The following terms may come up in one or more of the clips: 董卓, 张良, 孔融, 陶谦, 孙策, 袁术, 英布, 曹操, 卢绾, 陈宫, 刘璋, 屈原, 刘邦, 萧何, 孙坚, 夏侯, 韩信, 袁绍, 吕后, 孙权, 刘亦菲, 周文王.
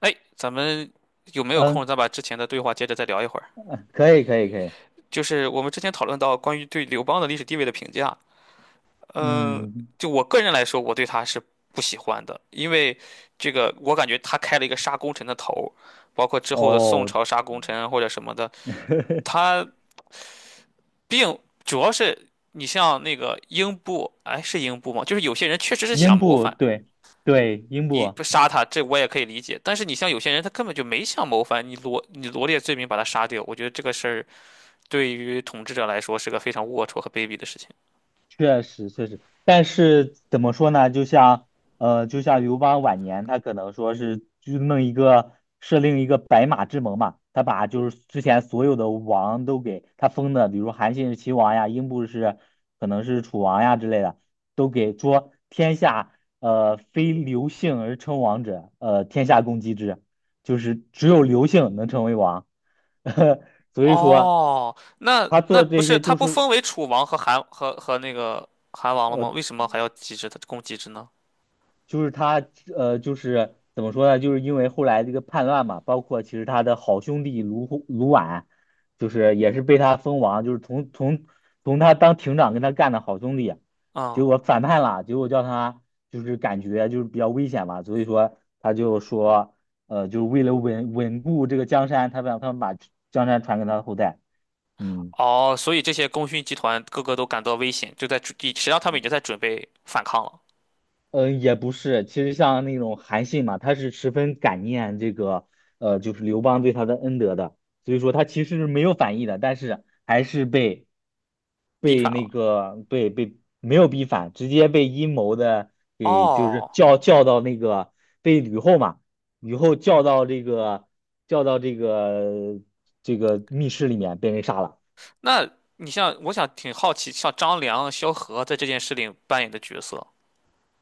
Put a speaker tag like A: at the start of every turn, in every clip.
A: 哎，咱们有没有空？
B: 嗯，
A: 再把之前的对话接着再聊一会儿。
B: 可以，可以，可以。
A: 就是我们之前讨论到关于对刘邦的历史地位的评价，嗯，
B: 嗯，
A: 就我个人来说，我对他是不喜欢的，因为这个我感觉他开了一个杀功臣的头，包括之后的宋
B: 哦，
A: 朝杀功臣或者什么的，他并主要是你像那个英布，哎，是英布吗？就是有些人确实是想
B: 英
A: 谋
B: 布，
A: 反，
B: 对，对，英
A: 你
B: 布，
A: 不杀他，这我也可以理解，但是你像有些人他根本就没想谋反，你罗列罪名把他杀掉，我觉得这个事儿。对于统治者来说是个非常龌龊和卑鄙的事情。
B: 确实确实，但是怎么说呢？就像刘邦晚年，他可能说是就弄一个设定一个白马之盟嘛，他把就是之前所有的王都给他封的，比如韩信是秦王呀，英布是可能是楚王呀之类的，都给说天下非刘姓而称王者，天下共击之，就是只有刘姓能成为王。所以说
A: 哦，那
B: 他
A: 那
B: 做
A: 不
B: 这
A: 是
B: 些
A: 他
B: 就
A: 不
B: 是
A: 封为楚王和韩和那个韩王了吗？
B: 呃
A: 为什么还要机制的攻集制呢？
B: 就是他呃，就是怎么说呢？就是因为后来这个叛乱嘛，包括其实他的好兄弟卢虎卢绾，就是也是被他封王，就是从他当亭长跟他干的好兄弟，结
A: 嗯。
B: 果反叛了，结果叫他就是感觉就是比较危险嘛，所以说他就说就是为了稳固这个江山，他让他们把江山传给他的后代。嗯。
A: 哦，所以这些功勋集团个个都感到危险，就在准实际上他们已经在准备反抗了，
B: 嗯，也不是，其实像那种韩信嘛，他是十分感念这个，就是刘邦对他的恩德的，所以说他其实是没有反意的，但是还是被
A: 逼
B: 被
A: 反
B: 那
A: 了。
B: 个被被没有逼反，直接被阴谋的给就是
A: 哦，
B: 叫到那个被吕后嘛，吕后叫到这个密室里面被人杀了。
A: 那你像我想挺好奇，像张良、萧何在这件事里扮演的角色，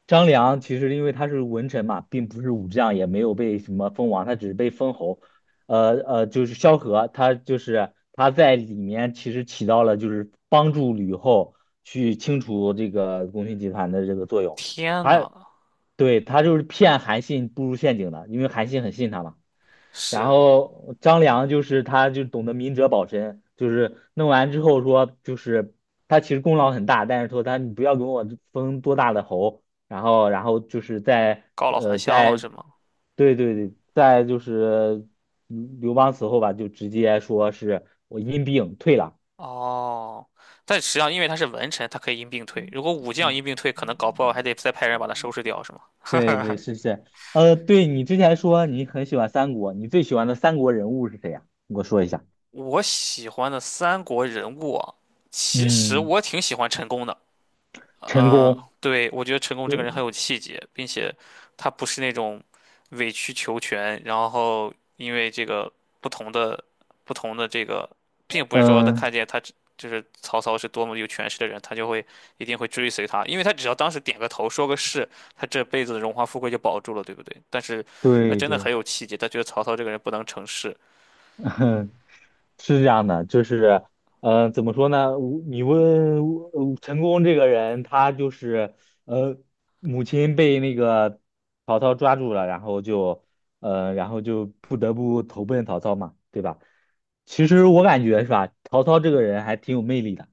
B: 张良其实因为他是文臣嘛，并不是武将，也没有被什么封王，他只是被封侯。就是萧何，他就是他在里面其实起到了就是帮助吕后去清除这个功勋集团的这个作用。
A: 天
B: 他
A: 呐，
B: 对，他就是骗韩信步入陷阱的，因为韩信很信他嘛。然
A: 是
B: 后张良就是他就懂得明哲保身，就是弄完之后说就是他其实功劳很大，但是说他你不要给我封多大的侯，然后就是在
A: 告老还
B: 呃
A: 乡了
B: 在
A: 是吗？
B: 对对对，在就是刘邦死后吧，就直接说是我因病退了。
A: 哦，但实际上因为他是文臣，他可以因病退。如果武将
B: 嗯，
A: 因病退，可能搞不好还得再派人把他收拾掉，是吗？
B: 对对，是是，对你之前说你很喜欢三国，你最喜欢的三国人物是谁呀？你给我说一下。
A: 我喜欢的三国人物啊，其实
B: 嗯，
A: 我挺喜欢陈宫的。
B: 陈
A: 嗯，
B: 宫。
A: 对，我觉得陈宫这个人很有气节，并且他不是那种委曲求全，然后因为这个不同的不同的这个，并不是说他看
B: 嗯，
A: 见他只就是曹操是多么有权势的人，他就会一定会追随他，因为他只要当时点个头说个是，他这辈子的荣华富贵就保住了，对不对？但是他
B: 对
A: 真的
B: 对，
A: 很有气节，他觉得曹操这个人不能成事，
B: 是这样的，就是，怎么说呢？你问陈宫这个人，他就是，呃，母亲被那个曹操抓住了，然后就，呃，然后就不得不投奔曹操嘛，对吧？其实我感觉是吧，曹操这个人还挺有魅力的，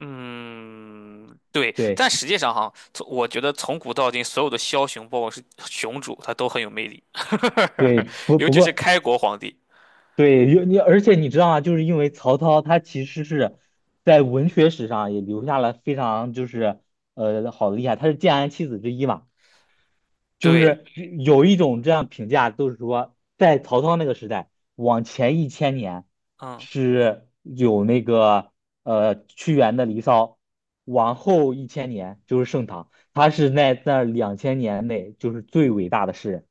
A: 嗯，对，但
B: 对
A: 实际上哈，从我觉得从古到今，所有的枭雄，包括是雄主，他都很有魅力，
B: 对，不
A: 尤
B: 不
A: 其是
B: 过
A: 开国皇帝。
B: 对，因为而且你知道吗？就是因为曹操他其实是在文学史上也留下了非常就是好的厉害，他是建安七子之一嘛，就
A: 对，
B: 是有一种这样评价，都是说在曹操那个时代往前一千年
A: 嗯，
B: 是有那个屈原的《离骚》，往后一千年就是盛唐，他是在那两千年内就是最伟大的诗人。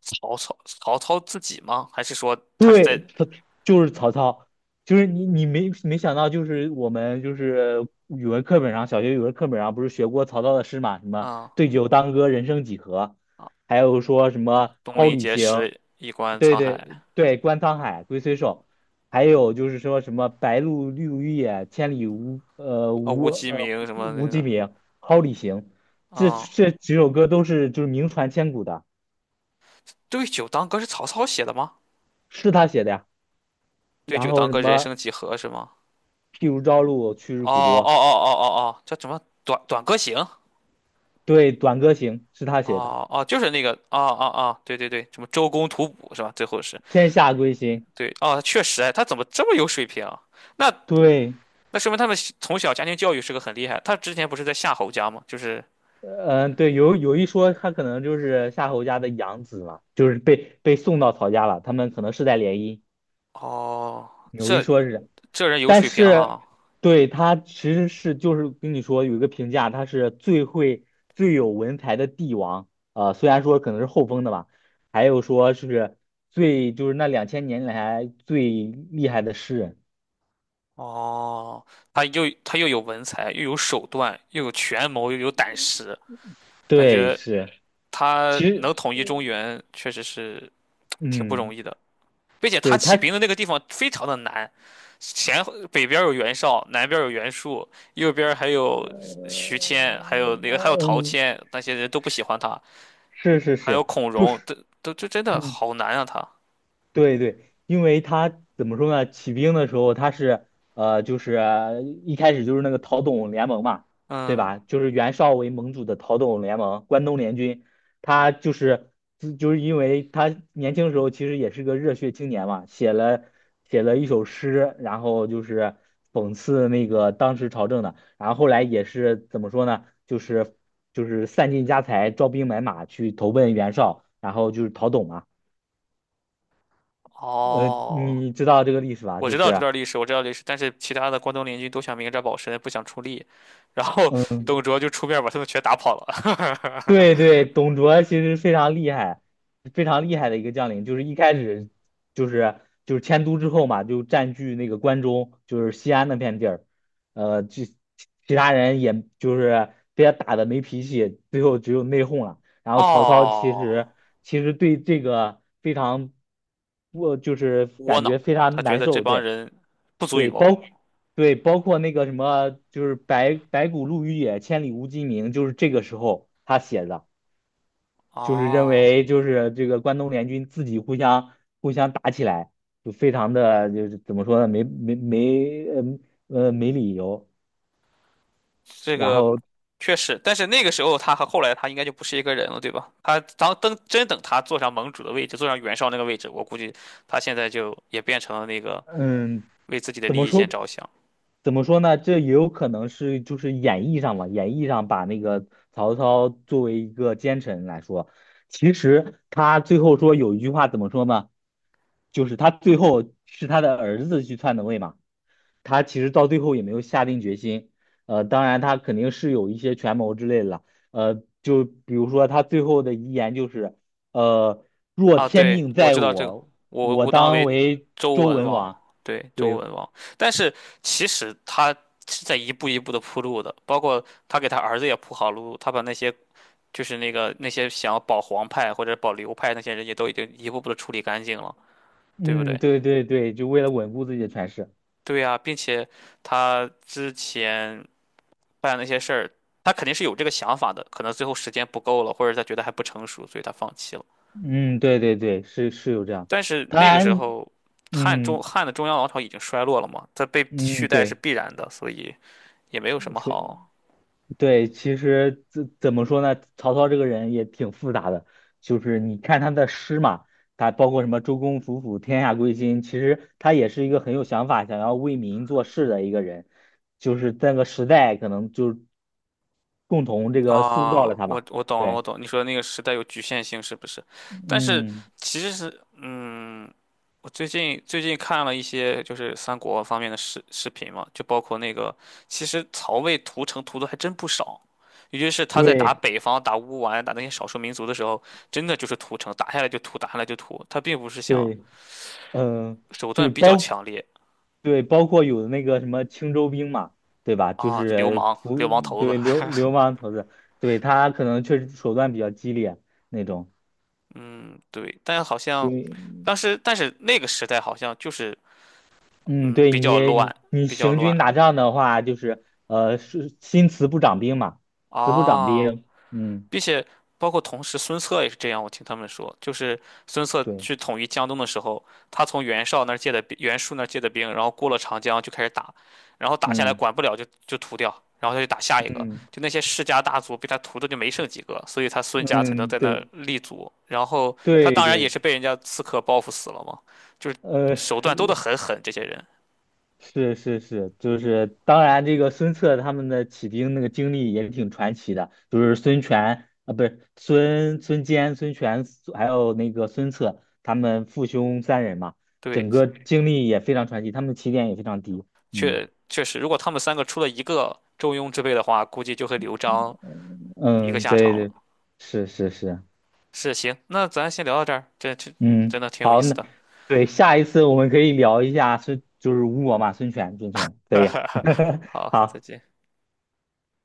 A: 曹操，曹操自己吗？还是说他是在
B: 对，他就是曹操，就是你没想到，就是我们就是语文课本上，小学语文课本上不是学过曹操的诗嘛？什么
A: 啊。
B: 对酒当歌，人生几何，
A: 啊，
B: 还有说什么
A: 东
B: 蒿
A: 临
B: 里
A: 碣
B: 行，
A: 石，以观
B: 对
A: 沧海。
B: 对对，观沧海，龟虽寿，还有就是说什么白鹭绿于野，千里无呃
A: 啊，
B: 无
A: 无鸡
B: 呃
A: 鸣什么那
B: 无鸡
A: 个。
B: 鸣，蒿里行，这
A: 啊？
B: 这几首歌都是就是名传千古的，
A: 对酒当歌是曹操写的吗？
B: 是他写的呀。
A: 对
B: 然
A: 酒
B: 后
A: 当
B: 什
A: 歌，人
B: 么？
A: 生几何是吗？
B: 譬如朝露，去日
A: 哦
B: 苦
A: 哦哦
B: 多。
A: 哦哦哦，叫什么？短歌行。
B: 对，《短歌行》是他写的，
A: 哦哦，就是那个，哦哦哦，对对对，什么周公吐哺是吧？最后是，
B: 《天下归心》。
A: 对，哦，他确实，哎，他怎么这么有水平啊？那
B: 对，
A: 那说明他们小从小家庭教育是个很厉害。他之前不是在夏侯家吗？就是，
B: 嗯、对，有一说，他可能就是夏侯家的养子嘛，就是被送到曹家了，他们可能世代联姻，
A: 哦，
B: 有一
A: 这
B: 说是，
A: 这人有
B: 但
A: 水平
B: 是
A: 哈、
B: 对他其实是就是跟你说有一个评价，他是最有文采的帝王，虽然说可能是后封的吧，还有说是就是那两千年来最厉害的诗人。
A: 哦，他又有文采，又有手段，又有权谋，又有胆识，感
B: 对，
A: 觉
B: 是，
A: 他
B: 其实
A: 能统一中原，确实是挺不容
B: 嗯，
A: 易的。并且他
B: 对
A: 起
B: 他，
A: 兵的那个地方非常的难，前北边有袁绍，南边有袁术，右边还有
B: 呃，
A: 徐谦，还有那个还有陶
B: 嗯，
A: 谦，那些人都不喜欢他，
B: 是是
A: 还有
B: 是，
A: 孔
B: 就
A: 融，
B: 是，
A: 都这真的
B: 嗯，
A: 好难啊他。
B: 对对，因为他怎么说呢？起兵的时候他是就是一开始就是那个陶董联盟嘛，对
A: 嗯，
B: 吧？就是袁绍为盟主的陶董联盟，关东联军。他就是就就是因为他年轻时候其实也是个热血青年嘛，写了一首诗，然后就是讽刺那个当时朝政的。然后后来也是怎么说呢？就是散尽家财，招兵买马去投奔袁绍，然后就是陶董嘛。
A: 哦，
B: 你知道这个历史吧？
A: 我
B: 就
A: 知道这
B: 是，
A: 段历史，我知道历史，但是其他的关东联军都想明哲保身，不想出力，然后
B: 嗯，
A: 董卓就出面把他们全打跑了。
B: 对对，董卓其实非常厉害，非常厉害的一个将领。就是一开始就是就是迁都之后嘛，就占据那个关中，就是西安那片地儿。就其他人也就是被他打的没脾气，最后只有内讧了。然 后曹操其
A: 哦，
B: 实其实对这个非常我就是
A: 窝
B: 感
A: 囊，
B: 觉非
A: 他
B: 常
A: 觉
B: 难
A: 得这
B: 受。
A: 帮
B: 对
A: 人不足与
B: 对，
A: 谋。
B: 对，包括那个什么，就是白骨露于野，千里无鸡鸣，就是这个时候他写的，就是认
A: 哦。
B: 为就是这个关东联军自己互相打起来，就非常的就是怎么说呢，没理由。
A: 这
B: 然
A: 个
B: 后
A: 确实，但是那个时候他和后来他应该就不是一个人了，对吧？他当等真等他坐上盟主的位置，坐上袁绍那个位置，我估计他现在就也变成了那个
B: 嗯，
A: 为自己的
B: 怎
A: 利
B: 么
A: 益先
B: 说
A: 着想
B: 怎么说呢？这也有可能是就是演绎上吧，演绎上把那个曹操作为一个奸臣来说，其实他最后说有一句话怎么说呢？就是他最后是他的儿子去篡的位嘛，他其实到最后也没有下定决心，当然他肯定是有一些权谋之类的了，就比如说他最后的遗言就是，呃，若
A: 啊。
B: 天
A: 对，
B: 命
A: 我
B: 在
A: 知道这个，
B: 我，
A: 我
B: 我
A: 吾当
B: 当
A: 为
B: 为
A: 周
B: 周
A: 文
B: 文
A: 王，
B: 王。
A: 对，周
B: 对，
A: 文王。但是其实他是在一步一步的铺路的，包括他给他儿子也铺好路，他把那些。就是那个那些想要保皇派或者保刘派那些人也都已经一步步的处理干净了，对不
B: 嗯，
A: 对？
B: 对对对，就为了稳固自己的权势。
A: 对呀，并且他之前办那些事儿，他肯定是有这个想法的，可能最后时间不够了，或者他觉得还不成熟，所以他放弃了。
B: 嗯，对对对，是是有这样，
A: 但是
B: 当
A: 那个时
B: 然，
A: 候，汉中
B: 嗯
A: 汉的中央王朝已经衰落了嘛，他被取
B: 嗯，
A: 代是
B: 对，
A: 必然的，所以也没有什么
B: 所以
A: 好。
B: 对，其实怎么说呢？曹操这个人也挺复杂的，就是你看他的诗嘛，他包括什么“周公吐哺，天下归心”，其实他也是一个很有想法、想要为民做事的一个人，就是那个时代可能就共同这个塑造
A: 啊，
B: 了他
A: 我
B: 吧。
A: 我懂了，我
B: 对，
A: 懂。你说的那个时代有局限性，是不是？但是
B: 嗯，
A: 其实是，嗯，我最近看了一些就是三国方面的视视频嘛，就包括那个，其实曹魏屠城屠的还真不少，尤其是他在打
B: 对
A: 北方、打乌丸、打那些少数民族的时候，真的就是屠城，打下来就屠，打下来就屠，他并不是想
B: 对，嗯、
A: 手
B: 就是
A: 段比较
B: 包。
A: 强烈
B: 对，包括有的那个什么青州兵嘛，对吧？就
A: 啊，就流
B: 是
A: 氓、流
B: 不
A: 氓头子。
B: 对流氓头子，对他可能确实手段比较激烈那种。
A: 嗯，对，但好像
B: 对，
A: 当时，但是那个时代好像就是。
B: 嗯，
A: 嗯，
B: 对
A: 比
B: 你
A: 较
B: 你
A: 乱，
B: 你
A: 比较
B: 行
A: 乱
B: 军打仗的话，就是是新词不长兵嘛，词不长
A: 啊，
B: 兵。嗯，
A: 并且包括同时孙策也是这样，我听他们说，就是孙策
B: 对，
A: 去统一江东的时候，他从袁绍那儿借的兵袁术那儿借的兵，然后过了长江就开始打，然后打下来
B: 嗯
A: 管不了就屠掉，然后他就打下一个，
B: 嗯
A: 就那些世家大族被他屠的就没剩几个，所以他孙家才能
B: 嗯，
A: 在那儿
B: 对
A: 立足，然后他
B: 对
A: 当然也
B: 对，
A: 是被人家刺客报复死了嘛，就是
B: 呃，
A: 手段都得很狠，这些人。
B: 是是是，就是当然，这个孙策他们的起兵那个经历也挺传奇的，就是孙权啊，不是孙坚、孙权，还有那个孙策，他们父兄三人嘛，
A: 对，
B: 整个经历也非常传奇，他们起点也非常低。嗯
A: 确确实，如果他们三个出了一个中庸之辈的话，估计就会刘璋一个
B: 嗯，
A: 下
B: 对
A: 场了。
B: 对，是是是，
A: 是，行，那咱先聊到这儿，这这
B: 嗯，
A: 真的挺有意
B: 好，
A: 思
B: 那
A: 的。
B: 对下一次我们可以聊一下孙，就是吴国嘛，孙权，孙权可以。
A: 好，再
B: 好。
A: 见。